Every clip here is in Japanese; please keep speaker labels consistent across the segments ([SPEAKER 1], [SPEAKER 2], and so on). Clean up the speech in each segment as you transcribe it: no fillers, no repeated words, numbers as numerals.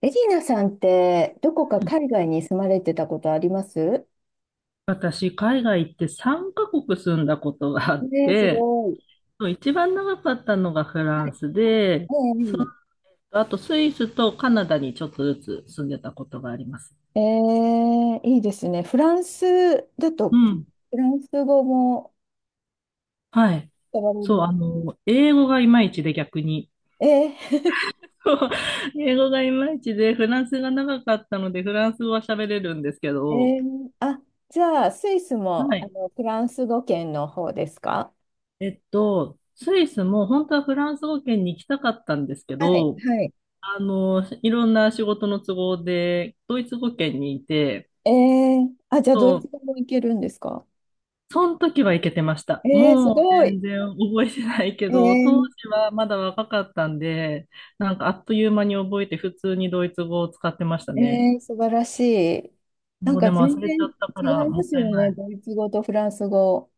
[SPEAKER 1] エリーナさんって、どこか海外に住まれてたことあります
[SPEAKER 2] 私、海外行って3カ国住んだことがあっ
[SPEAKER 1] ねえ、す
[SPEAKER 2] て、
[SPEAKER 1] ごい。
[SPEAKER 2] 一番長かったのがフ
[SPEAKER 1] は
[SPEAKER 2] ラン
[SPEAKER 1] い。
[SPEAKER 2] スで、あとスイスとカナダにちょっとずつ住んでたことがあります。
[SPEAKER 1] ええ、いいですね。フランスだ
[SPEAKER 2] う
[SPEAKER 1] と、
[SPEAKER 2] ん。
[SPEAKER 1] フランス語も、
[SPEAKER 2] はい。
[SPEAKER 1] 使われる
[SPEAKER 2] そう、
[SPEAKER 1] の。
[SPEAKER 2] 英語がいまいちで逆に。
[SPEAKER 1] ええ
[SPEAKER 2] 英語がいまいちで、フランスが長かったので、フランス語は喋れるんですけ
[SPEAKER 1] え
[SPEAKER 2] ど、
[SPEAKER 1] えあ、じゃあ、スイスも、
[SPEAKER 2] はい。
[SPEAKER 1] フランス語圏の方ですか
[SPEAKER 2] スイスも本当はフランス語圏に行きたかったんですけ
[SPEAKER 1] はい、
[SPEAKER 2] ど、
[SPEAKER 1] はい。
[SPEAKER 2] いろんな仕事の都合で、ドイツ語圏にいて、
[SPEAKER 1] ええあ、じゃあ、ド
[SPEAKER 2] そ
[SPEAKER 1] イツ
[SPEAKER 2] う、
[SPEAKER 1] 語もいけるんですか
[SPEAKER 2] その時は行けてました。
[SPEAKER 1] ええす
[SPEAKER 2] もう
[SPEAKER 1] ご
[SPEAKER 2] 全
[SPEAKER 1] い。
[SPEAKER 2] 然覚えてないけど、当時
[SPEAKER 1] え
[SPEAKER 2] はまだ若かったんで、なんかあっという間に覚えて普通にドイツ語を使ってました
[SPEAKER 1] え
[SPEAKER 2] ね。
[SPEAKER 1] ー、素晴らしい。な
[SPEAKER 2] も
[SPEAKER 1] ん
[SPEAKER 2] う
[SPEAKER 1] か
[SPEAKER 2] でも忘
[SPEAKER 1] 全
[SPEAKER 2] れちゃ
[SPEAKER 1] 然
[SPEAKER 2] ったか
[SPEAKER 1] 違
[SPEAKER 2] ら
[SPEAKER 1] い
[SPEAKER 2] も
[SPEAKER 1] ま
[SPEAKER 2] っ
[SPEAKER 1] す
[SPEAKER 2] た
[SPEAKER 1] よ
[SPEAKER 2] いな
[SPEAKER 1] ね、
[SPEAKER 2] い。
[SPEAKER 1] ドイツ語とフランス語。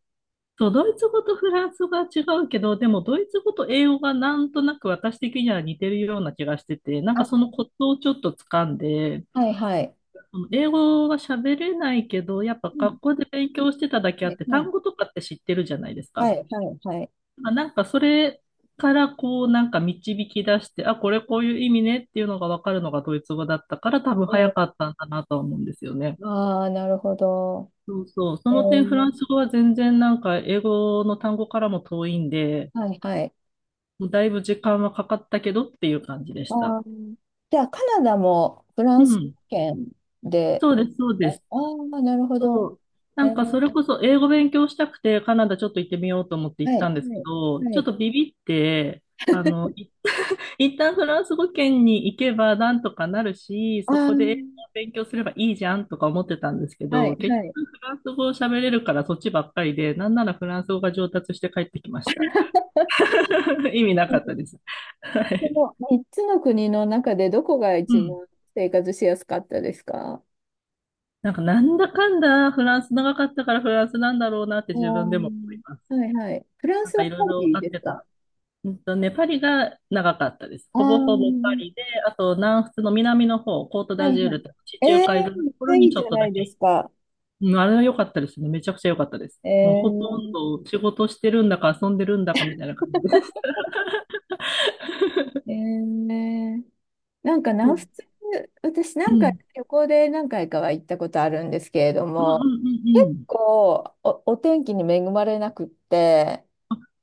[SPEAKER 2] そう、ドイツ語とフランス語が違うけど、でもドイツ語と英語がなんとなく私的には似てるような気がしてて、なんか
[SPEAKER 1] あ、
[SPEAKER 2] そのコツをちょっと掴んで、
[SPEAKER 1] はいはい。
[SPEAKER 2] あの英語は喋れないけど、やっぱ
[SPEAKER 1] うん、
[SPEAKER 2] 学校で勉強してただけあっ
[SPEAKER 1] ね
[SPEAKER 2] て、
[SPEAKER 1] うん、
[SPEAKER 2] 単語とかって知ってるじゃないです
[SPEAKER 1] は
[SPEAKER 2] か。
[SPEAKER 1] いはいはい。
[SPEAKER 2] まあなんかそれからこうなんか導き出して、あ、これこういう意味ねっていうのがわかるのがドイツ語だったから多分早か
[SPEAKER 1] え
[SPEAKER 2] ったんだなとは思うんですよね。
[SPEAKER 1] ー、ああ、なるほど。
[SPEAKER 2] そうそう。そ
[SPEAKER 1] え
[SPEAKER 2] の点フラン
[SPEAKER 1] ー、
[SPEAKER 2] ス語は全然なんか英語の単語からも遠いんで、
[SPEAKER 1] はいはい。
[SPEAKER 2] もうだいぶ時間はかかったけどっていう感じで
[SPEAKER 1] あ
[SPEAKER 2] した。
[SPEAKER 1] ー、じゃあ、カナダもフラ
[SPEAKER 2] う
[SPEAKER 1] ンス
[SPEAKER 2] ん。
[SPEAKER 1] 圏で、
[SPEAKER 2] そうです、そう
[SPEAKER 1] あ
[SPEAKER 2] で
[SPEAKER 1] あ
[SPEAKER 2] す。
[SPEAKER 1] ー、なるほ
[SPEAKER 2] そ
[SPEAKER 1] ど。
[SPEAKER 2] う。な
[SPEAKER 1] え
[SPEAKER 2] んか
[SPEAKER 1] ー、
[SPEAKER 2] それこそ英語勉強したくてカナダちょっと行ってみようと思って行
[SPEAKER 1] は
[SPEAKER 2] った
[SPEAKER 1] い
[SPEAKER 2] んですけ
[SPEAKER 1] はい
[SPEAKER 2] ど、
[SPEAKER 1] は
[SPEAKER 2] ちょっ
[SPEAKER 1] い。
[SPEAKER 2] とビビって、あの、い一旦フランス語圏に行けばなんとかなるし、そこで英
[SPEAKER 1] あ
[SPEAKER 2] 語を勉強すればいいじゃんとか思ってたんですけ
[SPEAKER 1] あは
[SPEAKER 2] ど、
[SPEAKER 1] い
[SPEAKER 2] 結
[SPEAKER 1] はい。
[SPEAKER 2] 局フランス語を喋れるからそっちばっかりで、なんならフランス語が上達して帰ってきました。意味な
[SPEAKER 1] う
[SPEAKER 2] かった
[SPEAKER 1] ん、
[SPEAKER 2] です。はい。
[SPEAKER 1] この3つの国の中でどこが
[SPEAKER 2] う
[SPEAKER 1] 一
[SPEAKER 2] ん。
[SPEAKER 1] 番生活しやすかったですか
[SPEAKER 2] なんかなんだかんだフランス長かったからフランスなんだろうなって自分
[SPEAKER 1] お
[SPEAKER 2] でも思い
[SPEAKER 1] ー、
[SPEAKER 2] ます。
[SPEAKER 1] はいはい。フラン
[SPEAKER 2] なん
[SPEAKER 1] ス
[SPEAKER 2] か
[SPEAKER 1] は
[SPEAKER 2] い
[SPEAKER 1] パ
[SPEAKER 2] ろいろ
[SPEAKER 1] リ
[SPEAKER 2] あっ
[SPEAKER 1] です
[SPEAKER 2] て
[SPEAKER 1] か
[SPEAKER 2] た。うんとね、パリが長かったです。
[SPEAKER 1] あ
[SPEAKER 2] ほ
[SPEAKER 1] あ
[SPEAKER 2] ぼほぼパ
[SPEAKER 1] ー、
[SPEAKER 2] リで、あと南仏の南の方、コート
[SPEAKER 1] は
[SPEAKER 2] ダジ
[SPEAKER 1] い
[SPEAKER 2] ュー
[SPEAKER 1] は
[SPEAKER 2] ル
[SPEAKER 1] い。
[SPEAKER 2] とか地
[SPEAKER 1] え
[SPEAKER 2] 中
[SPEAKER 1] え
[SPEAKER 2] 海沿い
[SPEAKER 1] ー、
[SPEAKER 2] の
[SPEAKER 1] めっ
[SPEAKER 2] とこ
[SPEAKER 1] ちゃ
[SPEAKER 2] ろ
[SPEAKER 1] い
[SPEAKER 2] に
[SPEAKER 1] い
[SPEAKER 2] ちょ
[SPEAKER 1] じ
[SPEAKER 2] っ
[SPEAKER 1] ゃ
[SPEAKER 2] と
[SPEAKER 1] な
[SPEAKER 2] だ
[SPEAKER 1] いで
[SPEAKER 2] け。
[SPEAKER 1] すか。
[SPEAKER 2] うん、あれは良かったですね。めちゃくちゃ良かったです。
[SPEAKER 1] え
[SPEAKER 2] もうほとん
[SPEAKER 1] ー、
[SPEAKER 2] ど仕事してるんだか遊んでるんだかみたいな感じで。
[SPEAKER 1] え ー、なんか
[SPEAKER 2] う
[SPEAKER 1] 南
[SPEAKER 2] ん。
[SPEAKER 1] 仏、私な
[SPEAKER 2] う
[SPEAKER 1] んか
[SPEAKER 2] ん。
[SPEAKER 1] 旅行で何回かは行ったことあるんですけれど
[SPEAKER 2] うん
[SPEAKER 1] も、
[SPEAKER 2] うんうん
[SPEAKER 1] 結
[SPEAKER 2] うん。
[SPEAKER 1] 構お、お天気に恵まれなくって、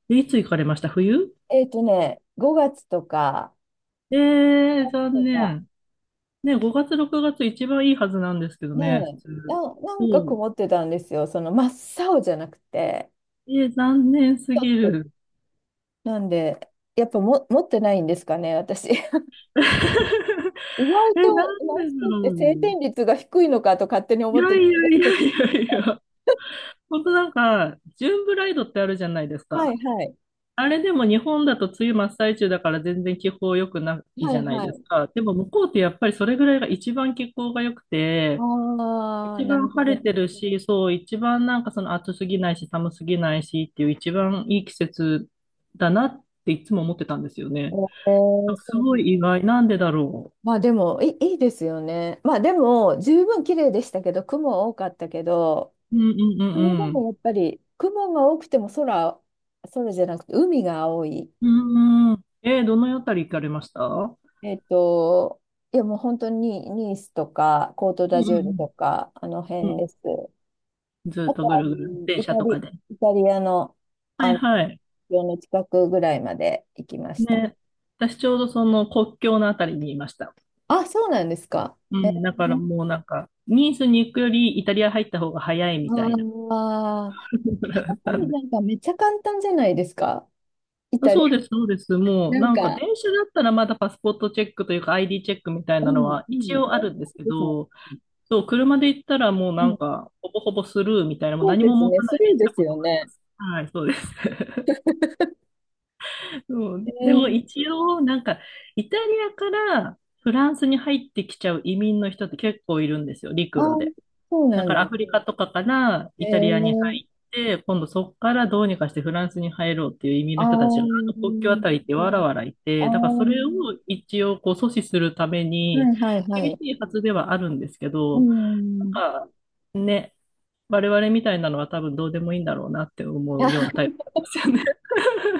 [SPEAKER 2] で、いつ行かれました？冬？
[SPEAKER 1] 5月とか、
[SPEAKER 2] えー、
[SPEAKER 1] 6
[SPEAKER 2] 残
[SPEAKER 1] とか、
[SPEAKER 2] 念。ね、5月、6月一番いいはずなんですけど
[SPEAKER 1] ね
[SPEAKER 2] ね、普
[SPEAKER 1] え、
[SPEAKER 2] 通。
[SPEAKER 1] な
[SPEAKER 2] そ
[SPEAKER 1] んか
[SPEAKER 2] う。
[SPEAKER 1] 曇ってたんですよ。その真っ青じゃなくて。
[SPEAKER 2] えー、残念す
[SPEAKER 1] ちょ
[SPEAKER 2] ぎ
[SPEAKER 1] っと
[SPEAKER 2] る。
[SPEAKER 1] なんで、やっぱも持ってないんですかね、私。意外
[SPEAKER 2] えー、な
[SPEAKER 1] と
[SPEAKER 2] ん
[SPEAKER 1] るラ
[SPEAKER 2] でだ
[SPEAKER 1] スって
[SPEAKER 2] ろ
[SPEAKER 1] 晴
[SPEAKER 2] う。
[SPEAKER 1] 天率が低いのかと勝手に
[SPEAKER 2] い
[SPEAKER 1] 思っ
[SPEAKER 2] や
[SPEAKER 1] て
[SPEAKER 2] い
[SPEAKER 1] たんで
[SPEAKER 2] や
[SPEAKER 1] す
[SPEAKER 2] い
[SPEAKER 1] けど。
[SPEAKER 2] やいやいや。本当なんか、ジューンブライドってあるじゃないです
[SPEAKER 1] は
[SPEAKER 2] か。
[SPEAKER 1] いはい。
[SPEAKER 2] あれでも日本だと梅雨真っ最中だから全然気候良くないじ
[SPEAKER 1] は
[SPEAKER 2] ゃ
[SPEAKER 1] い
[SPEAKER 2] ない
[SPEAKER 1] は
[SPEAKER 2] です
[SPEAKER 1] い。
[SPEAKER 2] か。でも向こうってやっぱりそれぐらいが一番気候が良くて、
[SPEAKER 1] ああ、
[SPEAKER 2] 一
[SPEAKER 1] なる
[SPEAKER 2] 番
[SPEAKER 1] ほ
[SPEAKER 2] 晴れ
[SPEAKER 1] ど。
[SPEAKER 2] てるし、そう、一番なんかその暑すぎないし寒すぎないしっていう一番いい季節だなっていつも思ってたんですよ
[SPEAKER 1] え
[SPEAKER 2] ね。
[SPEAKER 1] ー、
[SPEAKER 2] す
[SPEAKER 1] そ
[SPEAKER 2] ご
[SPEAKER 1] う、
[SPEAKER 2] い意外。なんでだろ
[SPEAKER 1] まあでもいい、いいですよね。まあでも、十分綺麗でしたけど、雲多かったけど、
[SPEAKER 2] う。うんうんう
[SPEAKER 1] それで
[SPEAKER 2] んうん。
[SPEAKER 1] もやっぱり、雲が多くても空、空じゃなくて海が青い。
[SPEAKER 2] うんうん。えーどのあたり行かれました？うん
[SPEAKER 1] えっと、いやもう本当にニースとか、コート
[SPEAKER 2] う
[SPEAKER 1] ダジュールと
[SPEAKER 2] ん
[SPEAKER 1] か、あの
[SPEAKER 2] うん。う
[SPEAKER 1] 辺
[SPEAKER 2] ん、
[SPEAKER 1] です。
[SPEAKER 2] ずっ
[SPEAKER 1] あ
[SPEAKER 2] と
[SPEAKER 1] と
[SPEAKER 2] ぐ
[SPEAKER 1] は、あ
[SPEAKER 2] る
[SPEAKER 1] の、
[SPEAKER 2] ぐる、電
[SPEAKER 1] イタ
[SPEAKER 2] 車とか
[SPEAKER 1] リ、
[SPEAKER 2] で。
[SPEAKER 1] イタリアの、
[SPEAKER 2] はい
[SPEAKER 1] 国
[SPEAKER 2] はい。
[SPEAKER 1] 境の近くぐらいまで行きました。
[SPEAKER 2] ね、私ちょうどその国境のあたりにいました。
[SPEAKER 1] あ、そうなんですか。
[SPEAKER 2] う
[SPEAKER 1] え
[SPEAKER 2] ん、だから
[SPEAKER 1] ー、
[SPEAKER 2] もうなんか、ニースに行くよりイタリア入った方が早いみたいな。
[SPEAKER 1] ああ、あそ こ
[SPEAKER 2] な
[SPEAKER 1] も
[SPEAKER 2] んで？
[SPEAKER 1] なんかめっちゃ簡単じゃないですか。イタリア、
[SPEAKER 2] そうです、そうです。もう
[SPEAKER 1] な
[SPEAKER 2] な
[SPEAKER 1] ん
[SPEAKER 2] んか
[SPEAKER 1] か、
[SPEAKER 2] 電車だったらまだパスポートチェックというか ID チェックみたい
[SPEAKER 1] う
[SPEAKER 2] なの
[SPEAKER 1] ん、
[SPEAKER 2] は
[SPEAKER 1] う
[SPEAKER 2] 一
[SPEAKER 1] ん、
[SPEAKER 2] 応あ
[SPEAKER 1] そ
[SPEAKER 2] るんですけ
[SPEAKER 1] うですね。
[SPEAKER 2] ど、そう、車で行ったらもう
[SPEAKER 1] う
[SPEAKER 2] な
[SPEAKER 1] ん、
[SPEAKER 2] んか、ほぼほぼスルーみたいな、もう
[SPEAKER 1] そう
[SPEAKER 2] 何
[SPEAKER 1] で
[SPEAKER 2] も
[SPEAKER 1] す
[SPEAKER 2] 持
[SPEAKER 1] ね、
[SPEAKER 2] た
[SPEAKER 1] ス
[SPEAKER 2] ない
[SPEAKER 1] ル
[SPEAKER 2] で
[SPEAKER 1] ー
[SPEAKER 2] 行っ
[SPEAKER 1] で
[SPEAKER 2] た
[SPEAKER 1] す
[SPEAKER 2] こと
[SPEAKER 1] よ
[SPEAKER 2] もありま
[SPEAKER 1] ね。
[SPEAKER 2] す。はい、そうです。そう、
[SPEAKER 1] え
[SPEAKER 2] でも
[SPEAKER 1] ー、
[SPEAKER 2] 一応、なんか、イタリアからフランスに入ってきちゃう移民の人って結構いるんですよ、陸
[SPEAKER 1] あ
[SPEAKER 2] 路
[SPEAKER 1] ー、
[SPEAKER 2] で。
[SPEAKER 1] そうな
[SPEAKER 2] だ
[SPEAKER 1] ん
[SPEAKER 2] から
[SPEAKER 1] だ。
[SPEAKER 2] アフリカとかから
[SPEAKER 1] え
[SPEAKER 2] イタリアに
[SPEAKER 1] ー、
[SPEAKER 2] 入って、今度そこからどうにかしてフランスに入ろうっていう移民
[SPEAKER 1] あ
[SPEAKER 2] の人たちが、あの国境
[SPEAKER 1] ー、
[SPEAKER 2] あ
[SPEAKER 1] なる
[SPEAKER 2] たりって
[SPEAKER 1] ほ
[SPEAKER 2] わら
[SPEAKER 1] ど、
[SPEAKER 2] わらい
[SPEAKER 1] あ
[SPEAKER 2] て、だからそれを一応こう阻止するため
[SPEAKER 1] ー、は
[SPEAKER 2] に、
[SPEAKER 1] いはいは
[SPEAKER 2] 厳し
[SPEAKER 1] い。
[SPEAKER 2] いはずではあるんですけ
[SPEAKER 1] う
[SPEAKER 2] ど、
[SPEAKER 1] ん。
[SPEAKER 2] なんかね、我々みたいなのは多分どうでもいいんだろうなって思うようなタイ プなんですよね。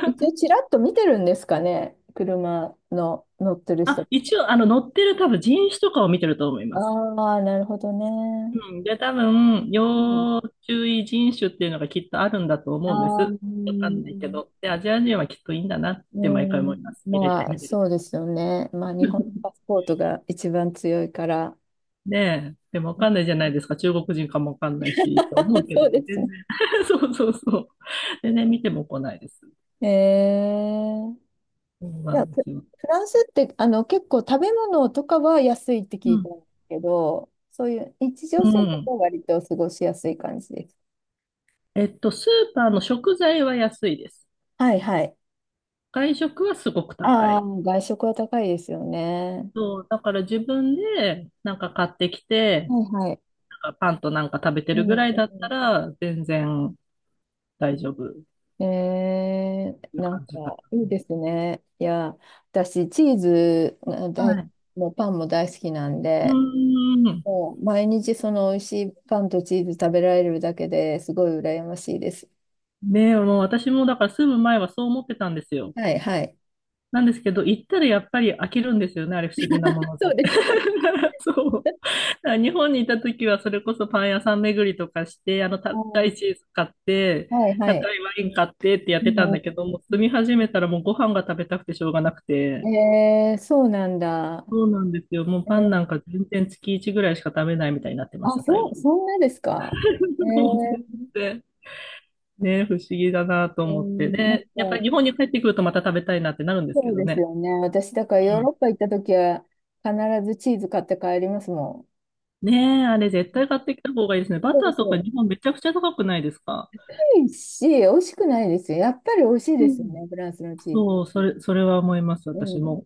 [SPEAKER 1] 一応ちらっと見てるんですかね、車の乗ってる
[SPEAKER 2] あ、
[SPEAKER 1] 人。
[SPEAKER 2] 一応、載ってる多分人種とかを見てると思い
[SPEAKER 1] あ
[SPEAKER 2] ます。
[SPEAKER 1] あ、なるほどね。
[SPEAKER 2] うん。で、多分、
[SPEAKER 1] うん、
[SPEAKER 2] 要注意人種っていうのがきっとあるんだと
[SPEAKER 1] あ
[SPEAKER 2] 思うんで
[SPEAKER 1] あ、う
[SPEAKER 2] す。わかんないけ
[SPEAKER 1] ん、
[SPEAKER 2] ど。で、アジア人はきっといいんだなっ
[SPEAKER 1] う
[SPEAKER 2] て毎回思い
[SPEAKER 1] ん、
[SPEAKER 2] ます。見れて、
[SPEAKER 1] まあ、
[SPEAKER 2] 見てる
[SPEAKER 1] そう
[SPEAKER 2] と。
[SPEAKER 1] ですよね。まあ、日本のパ スポートが一番強いから。
[SPEAKER 2] ねえ。でもわかんないじゃないですか。中国人かもわかんないし、と思う けど、
[SPEAKER 1] そうです
[SPEAKER 2] 全然。
[SPEAKER 1] ね。
[SPEAKER 2] そうそうそう。全然見ても来ないです。
[SPEAKER 1] ええ、
[SPEAKER 2] そう
[SPEAKER 1] い
[SPEAKER 2] な
[SPEAKER 1] や、
[SPEAKER 2] んで
[SPEAKER 1] フ
[SPEAKER 2] すよ。
[SPEAKER 1] フランスってあの結構食べ物とかは安いって聞
[SPEAKER 2] う
[SPEAKER 1] いた
[SPEAKER 2] ん。
[SPEAKER 1] んですけど、そういう日常
[SPEAKER 2] う
[SPEAKER 1] 生活
[SPEAKER 2] ん。
[SPEAKER 1] は割と過ごしやすい感じです。
[SPEAKER 2] えっと、スーパーの食材は安いです。
[SPEAKER 1] はいはい。
[SPEAKER 2] 外食はすごく高
[SPEAKER 1] ああ、
[SPEAKER 2] い。
[SPEAKER 1] 外食は高いですよね。
[SPEAKER 2] そう、だから自分でなんか買ってきて、
[SPEAKER 1] はいはい。
[SPEAKER 2] なんかパンとなんか食べて
[SPEAKER 1] う
[SPEAKER 2] る
[SPEAKER 1] ん
[SPEAKER 2] ぐらい
[SPEAKER 1] う
[SPEAKER 2] だったら全然大丈夫っ
[SPEAKER 1] ん。え
[SPEAKER 2] てい
[SPEAKER 1] ー、
[SPEAKER 2] う
[SPEAKER 1] なん
[SPEAKER 2] 感
[SPEAKER 1] か、
[SPEAKER 2] じか
[SPEAKER 1] いいですね。私、チーズが
[SPEAKER 2] な。は
[SPEAKER 1] 大、
[SPEAKER 2] い。
[SPEAKER 1] もうパンも大好きなん
[SPEAKER 2] う
[SPEAKER 1] で、
[SPEAKER 2] ーん。
[SPEAKER 1] もう毎日その美味しいパンとチーズ食べられるだけですごい羨ましいです。
[SPEAKER 2] ねえ、もう私もだから住む前はそう思ってたんですよ。
[SPEAKER 1] はい、はい。
[SPEAKER 2] なんですけど、行ったらやっぱり飽きるんですよね、あれ不思議なも の
[SPEAKER 1] そう
[SPEAKER 2] で。
[SPEAKER 1] ですか。
[SPEAKER 2] そう。だから日本にいた時はそれこそパン屋さん巡りとかして、あの
[SPEAKER 1] は
[SPEAKER 2] 高いチ
[SPEAKER 1] い
[SPEAKER 2] ーズ買って、
[SPEAKER 1] はい
[SPEAKER 2] 高いワイン買ってってやってたんだけど、もう
[SPEAKER 1] う
[SPEAKER 2] 住み始めたらもうご飯が食べたくてしょうがなくて。
[SPEAKER 1] ん、えー、そうなんだ。
[SPEAKER 2] そうなんですよ。もう
[SPEAKER 1] え
[SPEAKER 2] パン
[SPEAKER 1] ー
[SPEAKER 2] なんか全然月1ぐらいしか食べないみたいになってまし
[SPEAKER 1] あ、
[SPEAKER 2] た、最
[SPEAKER 1] そ
[SPEAKER 2] 後。
[SPEAKER 1] う、そんなですか。え
[SPEAKER 2] もう全
[SPEAKER 1] ー、
[SPEAKER 2] 然ね、不思議だなと
[SPEAKER 1] う
[SPEAKER 2] 思って。
[SPEAKER 1] ん、なんか、
[SPEAKER 2] で、やっぱり日本に帰ってくるとまた食べたいなってなるんですけ
[SPEAKER 1] そう
[SPEAKER 2] ど
[SPEAKER 1] です
[SPEAKER 2] ね。
[SPEAKER 1] よね。私、だから
[SPEAKER 2] う
[SPEAKER 1] ヨー
[SPEAKER 2] ん。
[SPEAKER 1] ロッパ行った時は必ずチーズ買って帰りますもん。
[SPEAKER 2] ねえ、あれ絶対買ってきた方がいいですね。バ
[SPEAKER 1] そ
[SPEAKER 2] タ
[SPEAKER 1] う
[SPEAKER 2] ーと
[SPEAKER 1] そ
[SPEAKER 2] か
[SPEAKER 1] う。
[SPEAKER 2] 日本めちゃくちゃ高くないですか？
[SPEAKER 1] 美味しくないですよ。やっぱり美味しい
[SPEAKER 2] う
[SPEAKER 1] ですよ
[SPEAKER 2] ん。
[SPEAKER 1] ね、フランスのチー
[SPEAKER 2] そ
[SPEAKER 1] ズ。
[SPEAKER 2] う、それ、それは思います、
[SPEAKER 1] う
[SPEAKER 2] 私
[SPEAKER 1] ん。
[SPEAKER 2] も。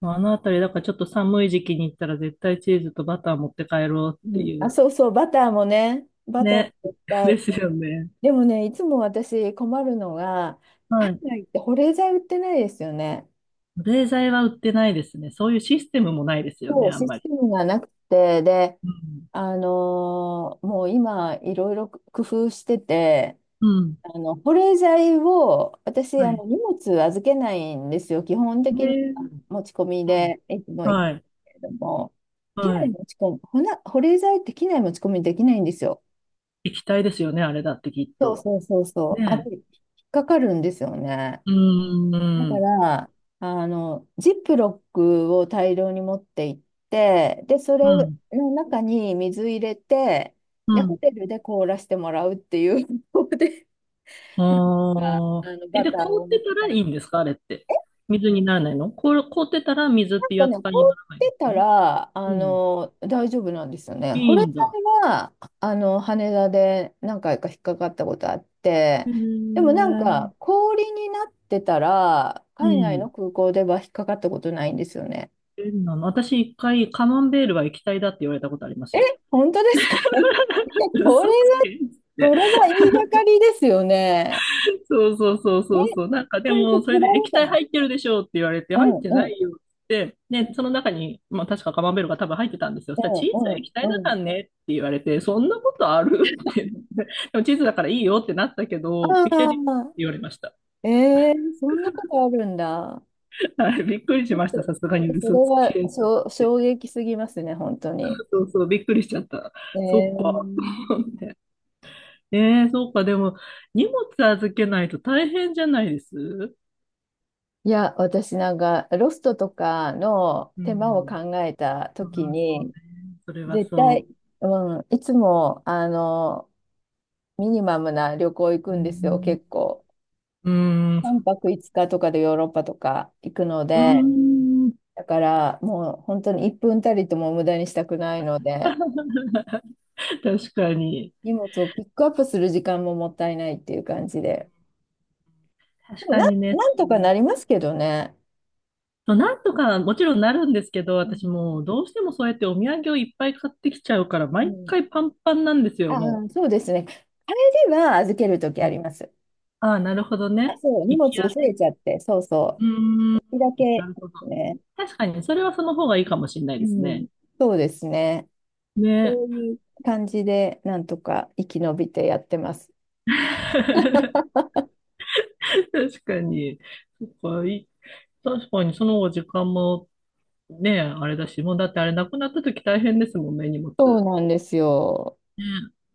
[SPEAKER 2] あのあたり、だからちょっと寒い時期に行ったら絶対チーズとバター持って帰ろう
[SPEAKER 1] う
[SPEAKER 2] って
[SPEAKER 1] ん、
[SPEAKER 2] い
[SPEAKER 1] あ、
[SPEAKER 2] う。
[SPEAKER 1] そうそう、バターもね。バターも
[SPEAKER 2] ね。
[SPEAKER 1] いっ ぱい。
[SPEAKER 2] ですよね。
[SPEAKER 1] でもね、いつも私困るのが、
[SPEAKER 2] は
[SPEAKER 1] 海
[SPEAKER 2] い。
[SPEAKER 1] 外って保冷剤売ってないですよね。
[SPEAKER 2] 冷剤は売ってないですね。そういうシステムもないですよね、
[SPEAKER 1] そう、
[SPEAKER 2] あん
[SPEAKER 1] シ
[SPEAKER 2] ま
[SPEAKER 1] ス
[SPEAKER 2] り。
[SPEAKER 1] テムがなくて、で、
[SPEAKER 2] うん。
[SPEAKER 1] もう今、いろいろ工夫してて、
[SPEAKER 2] うん。
[SPEAKER 1] あの保冷剤を、私、
[SPEAKER 2] は
[SPEAKER 1] あ
[SPEAKER 2] い。
[SPEAKER 1] の荷物預けないんですよ、基本
[SPEAKER 2] ね、
[SPEAKER 1] 的には持ち込み
[SPEAKER 2] うん。
[SPEAKER 1] でいつも行く
[SPEAKER 2] はい。
[SPEAKER 1] けれども、機
[SPEAKER 2] は
[SPEAKER 1] 内
[SPEAKER 2] い。
[SPEAKER 1] 持ち込むほな保冷剤って機内持ち込みできないんですよ、
[SPEAKER 2] 液体ですよね、あれだってきっ
[SPEAKER 1] そう
[SPEAKER 2] と。
[SPEAKER 1] そうそうそう、あれ
[SPEAKER 2] ね
[SPEAKER 1] 引っかかるんですよね、
[SPEAKER 2] え。う
[SPEAKER 1] だ
[SPEAKER 2] ー
[SPEAKER 1] か
[SPEAKER 2] ん。
[SPEAKER 1] ら、あのジップロックを大量に持って行って、でそ
[SPEAKER 2] う
[SPEAKER 1] れ
[SPEAKER 2] ん。
[SPEAKER 1] の中に水入れて、
[SPEAKER 2] う
[SPEAKER 1] でホ
[SPEAKER 2] ん。
[SPEAKER 1] テルで凍らせてもらうっていう方法で、なんか
[SPEAKER 2] あ
[SPEAKER 1] あ
[SPEAKER 2] あ。
[SPEAKER 1] の
[SPEAKER 2] え、
[SPEAKER 1] バ
[SPEAKER 2] で、
[SPEAKER 1] ター
[SPEAKER 2] 凍っ
[SPEAKER 1] を。
[SPEAKER 2] てたらいいんですか、あれって？水にならないの？凍、凍ってたら水っ
[SPEAKER 1] なん
[SPEAKER 2] ていう
[SPEAKER 1] かね、
[SPEAKER 2] 扱いにな
[SPEAKER 1] 凍っ
[SPEAKER 2] らないんで
[SPEAKER 1] て
[SPEAKER 2] す
[SPEAKER 1] た
[SPEAKER 2] ね。
[SPEAKER 1] ら、
[SPEAKER 2] うん。
[SPEAKER 1] 大丈夫なんですよね。
[SPEAKER 2] い
[SPEAKER 1] 保
[SPEAKER 2] い
[SPEAKER 1] 冷
[SPEAKER 2] んだ。
[SPEAKER 1] 剤は、羽田で何回か引っかかったことあっ
[SPEAKER 2] へ
[SPEAKER 1] て、
[SPEAKER 2] え。
[SPEAKER 1] でも
[SPEAKER 2] う
[SPEAKER 1] なんか、氷になってたら、海外
[SPEAKER 2] ん。
[SPEAKER 1] の空港では引っかかったことないんですよね。
[SPEAKER 2] 変なの。私一回、カマンベールは液体だって言われたことあります
[SPEAKER 1] え、
[SPEAKER 2] よ。
[SPEAKER 1] 本当ですか それ
[SPEAKER 2] 嘘つ
[SPEAKER 1] は、
[SPEAKER 2] けんって。
[SPEAKER 1] それは言いがかりですよね。
[SPEAKER 2] そうそうそう
[SPEAKER 1] え、
[SPEAKER 2] そうそう。なんかで
[SPEAKER 1] それで
[SPEAKER 2] も、それ
[SPEAKER 1] 取ら
[SPEAKER 2] で
[SPEAKER 1] れ
[SPEAKER 2] 液
[SPEAKER 1] た
[SPEAKER 2] 体
[SPEAKER 1] の
[SPEAKER 2] 入ってるでしょうって言われて、
[SPEAKER 1] う
[SPEAKER 2] 入っ
[SPEAKER 1] ん
[SPEAKER 2] て
[SPEAKER 1] う
[SPEAKER 2] な
[SPEAKER 1] ん。
[SPEAKER 2] いよって言って、で、その中に、まあ確かカマンベールが多分入ってたんですよ。そ
[SPEAKER 1] う
[SPEAKER 2] したらチ
[SPEAKER 1] んう
[SPEAKER 2] ーズは
[SPEAKER 1] ん
[SPEAKER 2] 液体だ
[SPEAKER 1] う
[SPEAKER 2] から
[SPEAKER 1] ん。
[SPEAKER 2] ねって言われて、そんなことあるってって。でもチーズだからいいよってなったけど、
[SPEAKER 1] あ
[SPEAKER 2] 液体でいいって
[SPEAKER 1] あ、
[SPEAKER 2] 言われました。
[SPEAKER 1] えー、そんなことあるんだ。
[SPEAKER 2] はい、びっくりし
[SPEAKER 1] ちょっ
[SPEAKER 2] まし
[SPEAKER 1] と、
[SPEAKER 2] た。
[SPEAKER 1] ち
[SPEAKER 2] さすが
[SPEAKER 1] ょっ
[SPEAKER 2] に
[SPEAKER 1] とそ
[SPEAKER 2] 嘘
[SPEAKER 1] れ
[SPEAKER 2] つ
[SPEAKER 1] は
[SPEAKER 2] け
[SPEAKER 1] し
[SPEAKER 2] と思っ
[SPEAKER 1] ょ
[SPEAKER 2] て。
[SPEAKER 1] 衝撃すぎますね、本当に。
[SPEAKER 2] そうそう、びっくりしちゃった。
[SPEAKER 1] え
[SPEAKER 2] そっか。と
[SPEAKER 1] ー
[SPEAKER 2] 思って。ええ、そうか。でも、荷物預けないと大変じゃないです
[SPEAKER 1] いや、私なんか、ロストとかの
[SPEAKER 2] う
[SPEAKER 1] 手間を
[SPEAKER 2] ん。
[SPEAKER 1] 考えた
[SPEAKER 2] あ
[SPEAKER 1] とき
[SPEAKER 2] あ、そうね。
[SPEAKER 1] に、
[SPEAKER 2] それは
[SPEAKER 1] 絶対、
[SPEAKER 2] そ
[SPEAKER 1] うん、いつも、ミニマムな旅行行く
[SPEAKER 2] う。う
[SPEAKER 1] んですよ、結
[SPEAKER 2] ん。
[SPEAKER 1] 構。
[SPEAKER 2] うーん。
[SPEAKER 1] 3泊5日とかでヨーロッパとか行くの
[SPEAKER 2] う
[SPEAKER 1] で、
[SPEAKER 2] ーん。
[SPEAKER 1] だからもう本当に1分たりとも無駄にしたくないので、
[SPEAKER 2] 確かに。
[SPEAKER 1] 荷物をピックアップする時間ももったいないっていう感じで。で
[SPEAKER 2] 確
[SPEAKER 1] も
[SPEAKER 2] か
[SPEAKER 1] なん、
[SPEAKER 2] にね。
[SPEAKER 1] なんとかなりますけどね。
[SPEAKER 2] そう、なんとかもちろんなるんですけど、
[SPEAKER 1] う
[SPEAKER 2] 私
[SPEAKER 1] ん、
[SPEAKER 2] もうどうしてもそうやってお土産をいっぱい買ってきちゃうから、
[SPEAKER 1] う
[SPEAKER 2] 毎
[SPEAKER 1] ん、
[SPEAKER 2] 回パンパンなんです
[SPEAKER 1] あ
[SPEAKER 2] よ、も
[SPEAKER 1] あ、そうですね。あれでは預けるとき
[SPEAKER 2] う。
[SPEAKER 1] あります。
[SPEAKER 2] ああ、なるほど
[SPEAKER 1] あ、
[SPEAKER 2] ね。
[SPEAKER 1] そう、荷
[SPEAKER 2] 行
[SPEAKER 1] 物
[SPEAKER 2] き
[SPEAKER 1] 増
[SPEAKER 2] やね。
[SPEAKER 1] えちゃって、そう
[SPEAKER 2] う
[SPEAKER 1] そ
[SPEAKER 2] ーん。
[SPEAKER 1] う。一だけ
[SPEAKER 2] なる
[SPEAKER 1] で
[SPEAKER 2] ほど。
[SPEAKER 1] すね。
[SPEAKER 2] 確かに、それはその方がいいかもしれない
[SPEAKER 1] う
[SPEAKER 2] です
[SPEAKER 1] ん、
[SPEAKER 2] ね。
[SPEAKER 1] そうですね。
[SPEAKER 2] ね。
[SPEAKER 1] そういう感じで、なんとか生き延びてやってます。
[SPEAKER 2] 確かに。そっか、いい、確かに、その方が時間もねえ、あれだし、もうだってあれなくなった時大変ですもんね、荷物。
[SPEAKER 1] そうなんですよ。
[SPEAKER 2] ね